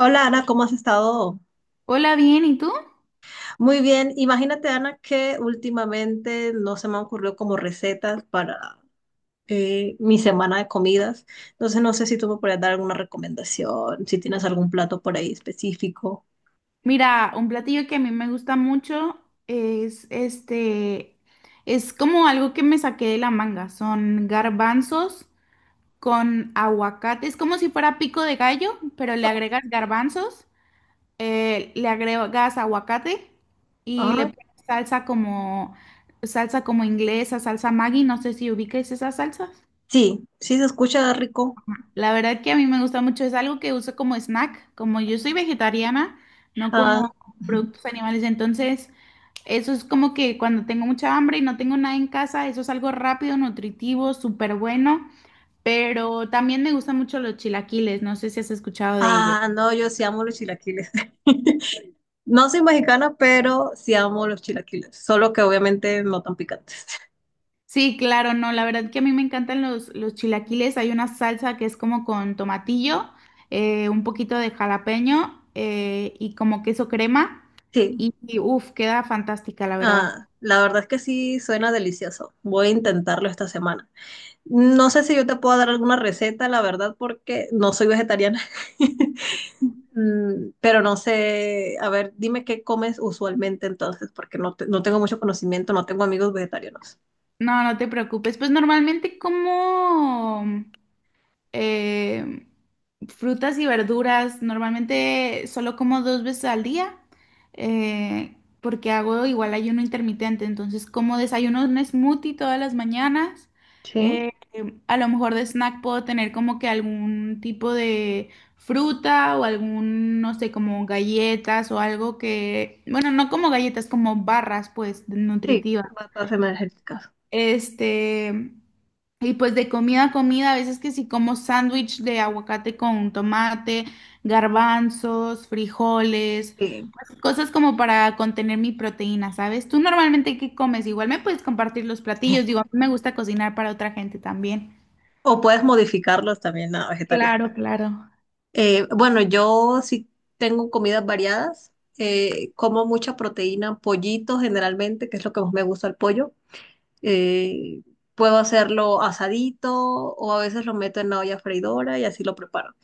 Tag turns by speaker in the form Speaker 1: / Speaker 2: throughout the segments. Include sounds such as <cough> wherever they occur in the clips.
Speaker 1: Hola Ana, ¿cómo has estado?
Speaker 2: Hola, bien, ¿y tú?
Speaker 1: Muy bien. Imagínate Ana que últimamente no se me han ocurrido como recetas para mi semana de comidas. Entonces no sé si tú me puedes dar alguna recomendación, si tienes algún plato por ahí específico.
Speaker 2: Mira, un platillo que a mí me gusta mucho es este, es como algo que me saqué de la manga. Son garbanzos con aguacate. Es como si fuera pico de gallo, pero le
Speaker 1: Ok.
Speaker 2: agregas garbanzos, le agregas aguacate y le
Speaker 1: Ah,
Speaker 2: pones salsa como inglesa, salsa Maggi. No sé si ubiques esas salsas.
Speaker 1: sí, sí se escucha rico.
Speaker 2: La verdad que a mí me gusta mucho, es algo que uso como snack, como yo soy vegetariana, no
Speaker 1: Ah,
Speaker 2: como
Speaker 1: <laughs>
Speaker 2: productos animales, entonces eso es como que cuando tengo mucha hambre y no tengo nada en casa, eso es algo rápido, nutritivo, súper bueno, pero también me gustan mucho los chilaquiles, no sé si has escuchado de ellos.
Speaker 1: ah, no, yo sí amo los chilaquiles. <laughs> No soy mexicana, pero sí amo los chilaquiles, solo que obviamente no tan picantes. <laughs>
Speaker 2: Sí, claro, no, la verdad que a mí me encantan los chilaquiles, hay una salsa que es como con tomatillo, un poquito de jalapeño y como queso crema
Speaker 1: Sí.
Speaker 2: y uff, queda fantástica, la verdad.
Speaker 1: Ah, la verdad es que sí suena delicioso. Voy a intentarlo esta semana. No sé si yo te puedo dar alguna receta, la verdad, porque no soy vegetariana. <laughs> Mm, pero no sé, a ver, dime qué comes usualmente entonces, porque no, no tengo mucho conocimiento, no tengo amigos vegetarianos.
Speaker 2: No, no te preocupes. Pues normalmente como eh, frutas y verduras, normalmente solo como 2 veces al día, porque hago igual ayuno intermitente. Entonces como desayuno un smoothie todas las mañanas.
Speaker 1: Sí,
Speaker 2: eh, a lo mejor de snack puedo tener como que algún tipo de fruta o algún, no sé, como galletas o algo que, bueno, no como galletas, como barras pues
Speaker 1: sí,
Speaker 2: nutritivas.
Speaker 1: batas energéticas.
Speaker 2: Este, y pues de comida a comida, a veces que sí como sándwich de aguacate con tomate, garbanzos, frijoles,
Speaker 1: Sí.
Speaker 2: pues, cosas como para contener mi proteína, ¿sabes? Tú normalmente qué comes, igual me puedes compartir los platillos, digo, a mí me gusta cocinar para otra gente también.
Speaker 1: O puedes modificarlos también a vegetarianos.
Speaker 2: Claro, claro.
Speaker 1: Bueno, yo sí tengo comidas variadas. Como mucha proteína, pollito generalmente, que es lo que más me gusta el pollo. eh, Puedo hacerlo asadito o a veces lo meto en la olla freidora y así lo preparo.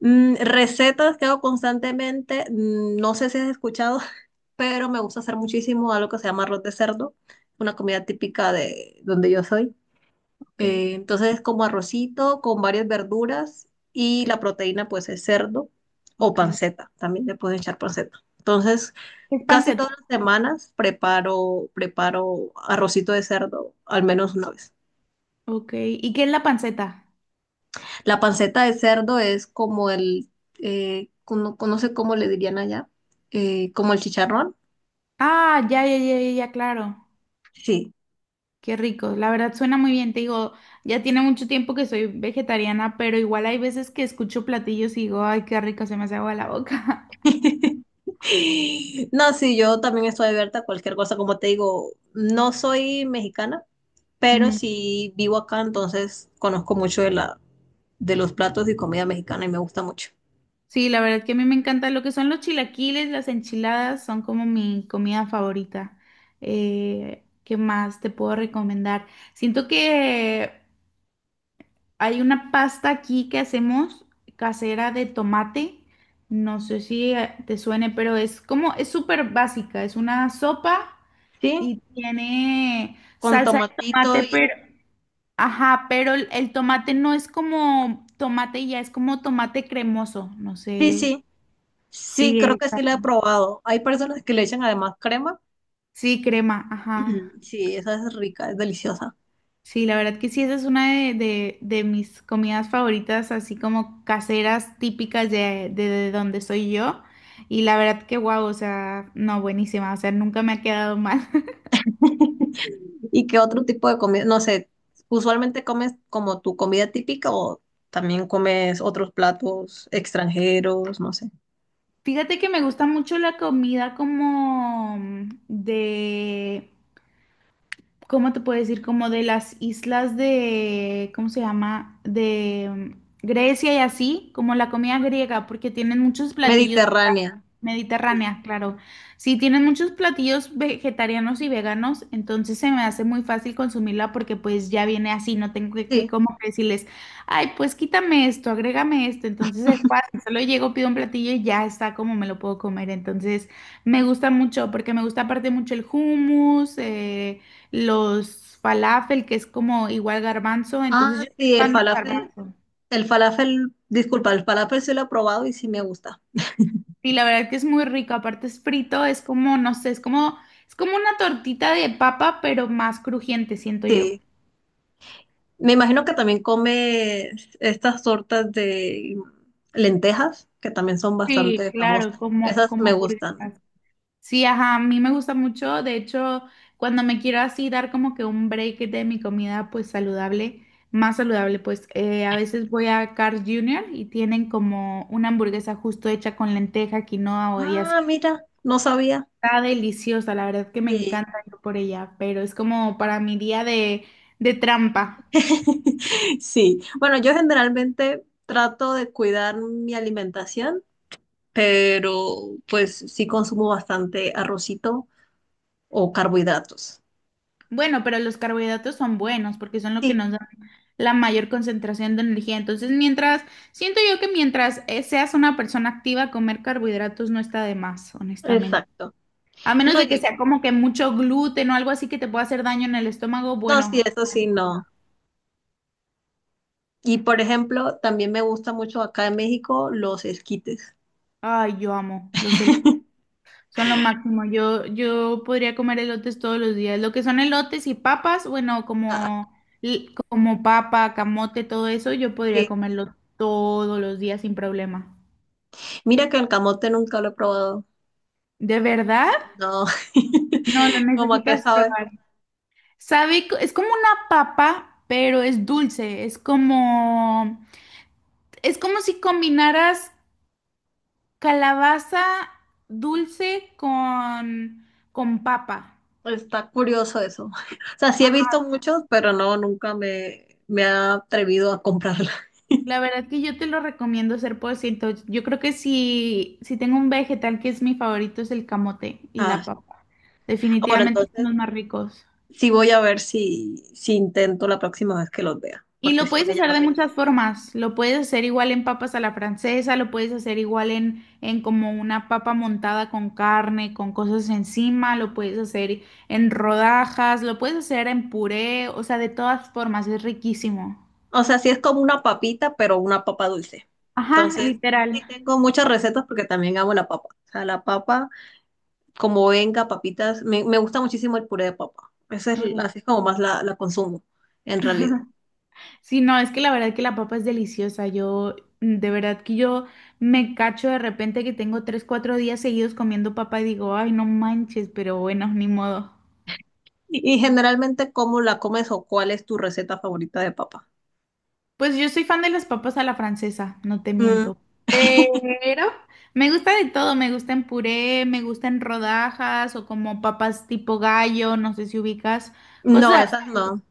Speaker 1: Mm, recetas que hago constantemente, mm, no sé si has escuchado, <laughs> pero me gusta hacer muchísimo algo que se llama arroz de cerdo, una comida típica de donde yo soy.
Speaker 2: Ok,
Speaker 1: Entonces es como arrocito con varias verduras y
Speaker 2: qué-
Speaker 1: la proteína pues es cerdo
Speaker 2: ok.
Speaker 1: o
Speaker 2: ¿Qué
Speaker 1: panceta, también le pueden echar panceta. Entonces
Speaker 2: es
Speaker 1: casi
Speaker 2: panceta?
Speaker 1: todas las semanas preparo, preparo arrocito de cerdo al menos una vez.
Speaker 2: Ok, ¿y qué es la panceta?
Speaker 1: La panceta de cerdo es como el, no, no sé cómo le dirían allá, como el chicharrón.
Speaker 2: Ah, ya, ya, ya, ya, ya, claro.
Speaker 1: Sí.
Speaker 2: Qué rico, la verdad suena muy bien, te digo, ya tiene mucho tiempo que soy vegetariana, pero igual hay veces que escucho platillos y digo, ay, qué rico, se me hace agua la boca.
Speaker 1: <laughs> No, sí, yo también estoy abierta a cualquier cosa, como te digo, no soy mexicana.
Speaker 2: <laughs>
Speaker 1: Pero
Speaker 2: Ujú.
Speaker 1: si vivo acá, entonces conozco mucho de la, de los platos y comida mexicana y me gusta mucho.
Speaker 2: Sí, la verdad que a mí me encanta lo que son los chilaquiles, las enchiladas, son como mi comida favorita. ¿Qué más te puedo recomendar? Siento que hay una pasta aquí que hacemos casera de tomate, no sé si te suene, pero es como, es súper básica, es una sopa.
Speaker 1: Sí,
Speaker 2: Y tiene
Speaker 1: con
Speaker 2: salsa de
Speaker 1: tomatito
Speaker 2: tomate,
Speaker 1: y...
Speaker 2: pero, ajá, pero el tomate no es como tomate ya, es como tomate cremoso, no
Speaker 1: sí,
Speaker 2: sé. si-
Speaker 1: sí, sí,
Speaker 2: Sí,
Speaker 1: creo que
Speaker 2: esa-
Speaker 1: sí la he probado. Hay personas que le echan además crema.
Speaker 2: sí, crema, ajá.
Speaker 1: <clears throat> Sí, esa es rica, es deliciosa.
Speaker 2: Sí, la verdad que sí, esa es una de mis comidas favoritas, así como caseras típicas de donde soy yo. Y la verdad que guau, o sea, no, buenísima, o sea, nunca me ha quedado mal. <laughs>
Speaker 1: ¿Y qué otro tipo de comida? No sé, ¿usualmente comes como tu comida típica o también comes otros platos extranjeros, no sé?
Speaker 2: Fíjate que me gusta mucho la comida como de ¿cómo te puedo decir? Como de las islas de, ¿cómo se llama? De Grecia y así, como la comida griega, porque tienen muchos platillos.
Speaker 1: Mediterránea. Sí.
Speaker 2: Mediterránea, claro. Sí, tienen muchos platillos vegetarianos y veganos, entonces se me hace muy fácil consumirla porque pues ya viene así, no tengo que
Speaker 1: Sí.
Speaker 2: como que decirles, ay, pues quítame esto, agrégame esto, entonces es
Speaker 1: <laughs>
Speaker 2: fácil, solo llego, pido un platillo y ya está como me lo puedo comer, entonces me gusta mucho porque me gusta aparte mucho el hummus, los falafel, que es como igual garbanzo, entonces
Speaker 1: Ah,
Speaker 2: yo soy
Speaker 1: sí, el
Speaker 2: fan del
Speaker 1: falafel.
Speaker 2: garbanzo.
Speaker 1: El falafel, disculpa, el falafel sí lo he probado y sí me gusta.
Speaker 2: Sí, la verdad que es muy rico, aparte es frito, es como, no sé, es como una tortita de papa, pero más crujiente, siento yo.
Speaker 1: Sí. Me imagino que también come estas tortas de lentejas, que también son
Speaker 2: Sí,
Speaker 1: bastante
Speaker 2: claro,
Speaker 1: famosas.
Speaker 2: como,
Speaker 1: Esas
Speaker 2: como
Speaker 1: me gustan.
Speaker 2: hamburguesas. Sí, ajá, a mí me gusta mucho, de hecho, cuando me quiero así dar como que un break de mi comida, pues saludable, más saludable, pues a veces voy a Carl Jr. y tienen como una hamburguesa justo hecha con lenteja, quinoa y
Speaker 1: Ah,
Speaker 2: así.
Speaker 1: mira, no sabía.
Speaker 2: Está deliciosa, la verdad que me
Speaker 1: Sí.
Speaker 2: encanta ir por ella, pero es como para mi día de trampa.
Speaker 1: <laughs> Sí. Bueno, yo generalmente trato de cuidar mi alimentación, pero pues sí consumo bastante arrocito o carbohidratos.
Speaker 2: Bueno, pero los carbohidratos son buenos porque son lo que
Speaker 1: Sí,
Speaker 2: nos dan la mayor concentración de energía. Entonces, mientras, siento yo que mientras seas una persona activa, comer carbohidratos no está de más, honestamente.
Speaker 1: exacto.
Speaker 2: A menos
Speaker 1: No,
Speaker 2: de que
Speaker 1: y
Speaker 2: sea como que mucho gluten o algo así que te pueda hacer daño en el estómago,
Speaker 1: no, sí,
Speaker 2: bueno,
Speaker 1: eso sí,
Speaker 2: bueno.
Speaker 1: no. Y por ejemplo, también me gusta mucho acá en México los esquites.
Speaker 2: Ay, yo amo los elotes.
Speaker 1: <laughs>
Speaker 2: Son lo máximo. Yo podría comer elotes todos los días. Lo que son elotes y papas, bueno,
Speaker 1: Ah,
Speaker 2: como, como papa, camote, todo eso, yo podría
Speaker 1: sí.
Speaker 2: comerlo todos los días sin problema.
Speaker 1: Mira que el camote nunca lo he probado.
Speaker 2: ¿De verdad?
Speaker 1: No,
Speaker 2: No, lo
Speaker 1: <laughs> como a qué
Speaker 2: necesitas
Speaker 1: sabe.
Speaker 2: probar. Sabe, es como una papa, pero es dulce. Es como si combinaras calabaza dulce con papa.
Speaker 1: Está curioso eso. O sea, sí he
Speaker 2: Ajá.
Speaker 1: visto muchos, pero no, nunca me, me ha atrevido a comprarla. <laughs>
Speaker 2: La verdad que yo te lo recomiendo ser ciento. Yo creo que si, si tengo un vegetal que es mi favorito es el camote y
Speaker 1: Ah,
Speaker 2: la papa.
Speaker 1: bueno,
Speaker 2: Definitivamente son
Speaker 1: entonces
Speaker 2: los más ricos.
Speaker 1: sí voy a ver si, si intento la próxima vez que los vea,
Speaker 2: Y
Speaker 1: porque
Speaker 2: lo
Speaker 1: sí
Speaker 2: puedes
Speaker 1: me
Speaker 2: hacer
Speaker 1: llama
Speaker 2: de
Speaker 1: la
Speaker 2: muchas
Speaker 1: atención.
Speaker 2: formas. Lo puedes hacer igual en papas a la francesa, lo puedes hacer igual en como una papa montada con carne, con cosas encima, lo puedes hacer en rodajas, lo puedes hacer en puré, o sea, de todas formas, es riquísimo.
Speaker 1: O sea, sí es como una papita, pero una papa dulce.
Speaker 2: Ajá,
Speaker 1: Entonces,
Speaker 2: literal.
Speaker 1: sí tengo muchas recetas porque también amo la papa. O sea, la papa, como venga, papitas, me gusta muchísimo el puré de papa. Esa es,
Speaker 2: Ujú.
Speaker 1: así es como más la, la consumo, en realidad.
Speaker 2: Sí, no, es que la verdad que la papa es deliciosa. Yo, mm, de verdad que yo me cacho de repente que tengo 3, 4 días seguidos comiendo papa y digo, ay, no manches, pero bueno, ni modo.
Speaker 1: Y generalmente, ¿cómo la comes o cuál es tu receta favorita de papa?
Speaker 2: Pues yo soy fan de las papas a la francesa, no te
Speaker 1: Mm,
Speaker 2: miento. Pero me gusta de todo, me gusta en puré, me gusta en rodajas o como papas tipo gallo, no sé si ubicas,
Speaker 1: no,
Speaker 2: cosas.
Speaker 1: esas
Speaker 2: Así.
Speaker 1: no.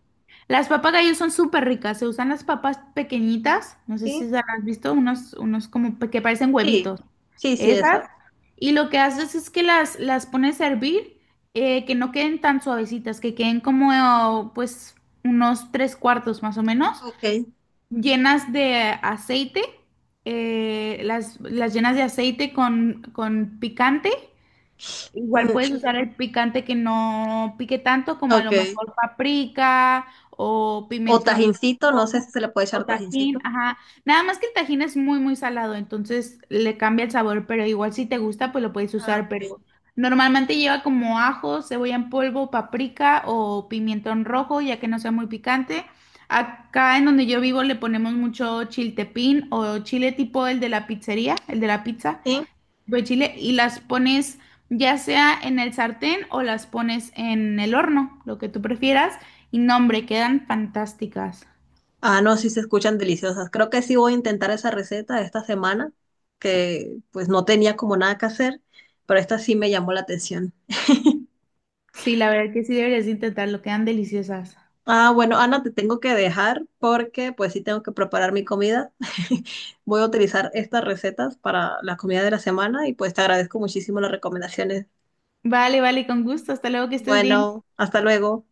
Speaker 2: Las papas gallo son súper ricas, se usan las papas pequeñitas, no sé si
Speaker 1: Sí,
Speaker 2: las has visto, unos como que parecen
Speaker 1: sí,
Speaker 2: huevitos.
Speaker 1: sí, sí,
Speaker 2: Esas.
Speaker 1: esas.
Speaker 2: Y lo que haces es que las pones a hervir, que no queden tan suavecitas, que queden como pues unos 3 cuartos más o menos
Speaker 1: Ok,
Speaker 2: llenas de aceite, las llenas de aceite con picante. Igual
Speaker 1: mm,
Speaker 2: puedes usar el picante que no pique tanto, como a lo
Speaker 1: ok.
Speaker 2: mejor paprika o
Speaker 1: O
Speaker 2: pimentón
Speaker 1: tajincito, no sé si
Speaker 2: rojo
Speaker 1: se le puede
Speaker 2: o
Speaker 1: echar
Speaker 2: tajín,
Speaker 1: tajincito.
Speaker 2: ajá. Nada más que el tajín es muy, muy salado, entonces le cambia el sabor, pero igual si te gusta, pues lo puedes
Speaker 1: Ah,
Speaker 2: usar,
Speaker 1: ok.
Speaker 2: pero normalmente lleva como ajo, cebolla en polvo, paprika o pimentón rojo, ya que no sea muy picante. Acá en donde yo vivo le ponemos mucho chiltepín o chile tipo el de la pizzería, el de la pizza
Speaker 1: Sí.
Speaker 2: de chile y las pones ya sea en el sartén o las pones en el horno, lo que tú prefieras. Y no, hombre, quedan fantásticas.
Speaker 1: Ah, no, sí se escuchan deliciosas. Creo que sí voy a intentar esa receta esta semana, que pues no tenía como nada que hacer, pero esta sí me llamó la atención.
Speaker 2: Sí, la verdad que sí deberías de intentarlo, quedan deliciosas.
Speaker 1: Ah, bueno, Ana, te tengo que dejar porque pues sí tengo que preparar mi comida. <laughs> Voy a utilizar estas recetas para la comida de la semana y pues te agradezco muchísimo las recomendaciones.
Speaker 2: Vale, vale, con gusto. Hasta luego, que estés bien.
Speaker 1: Bueno, hasta luego.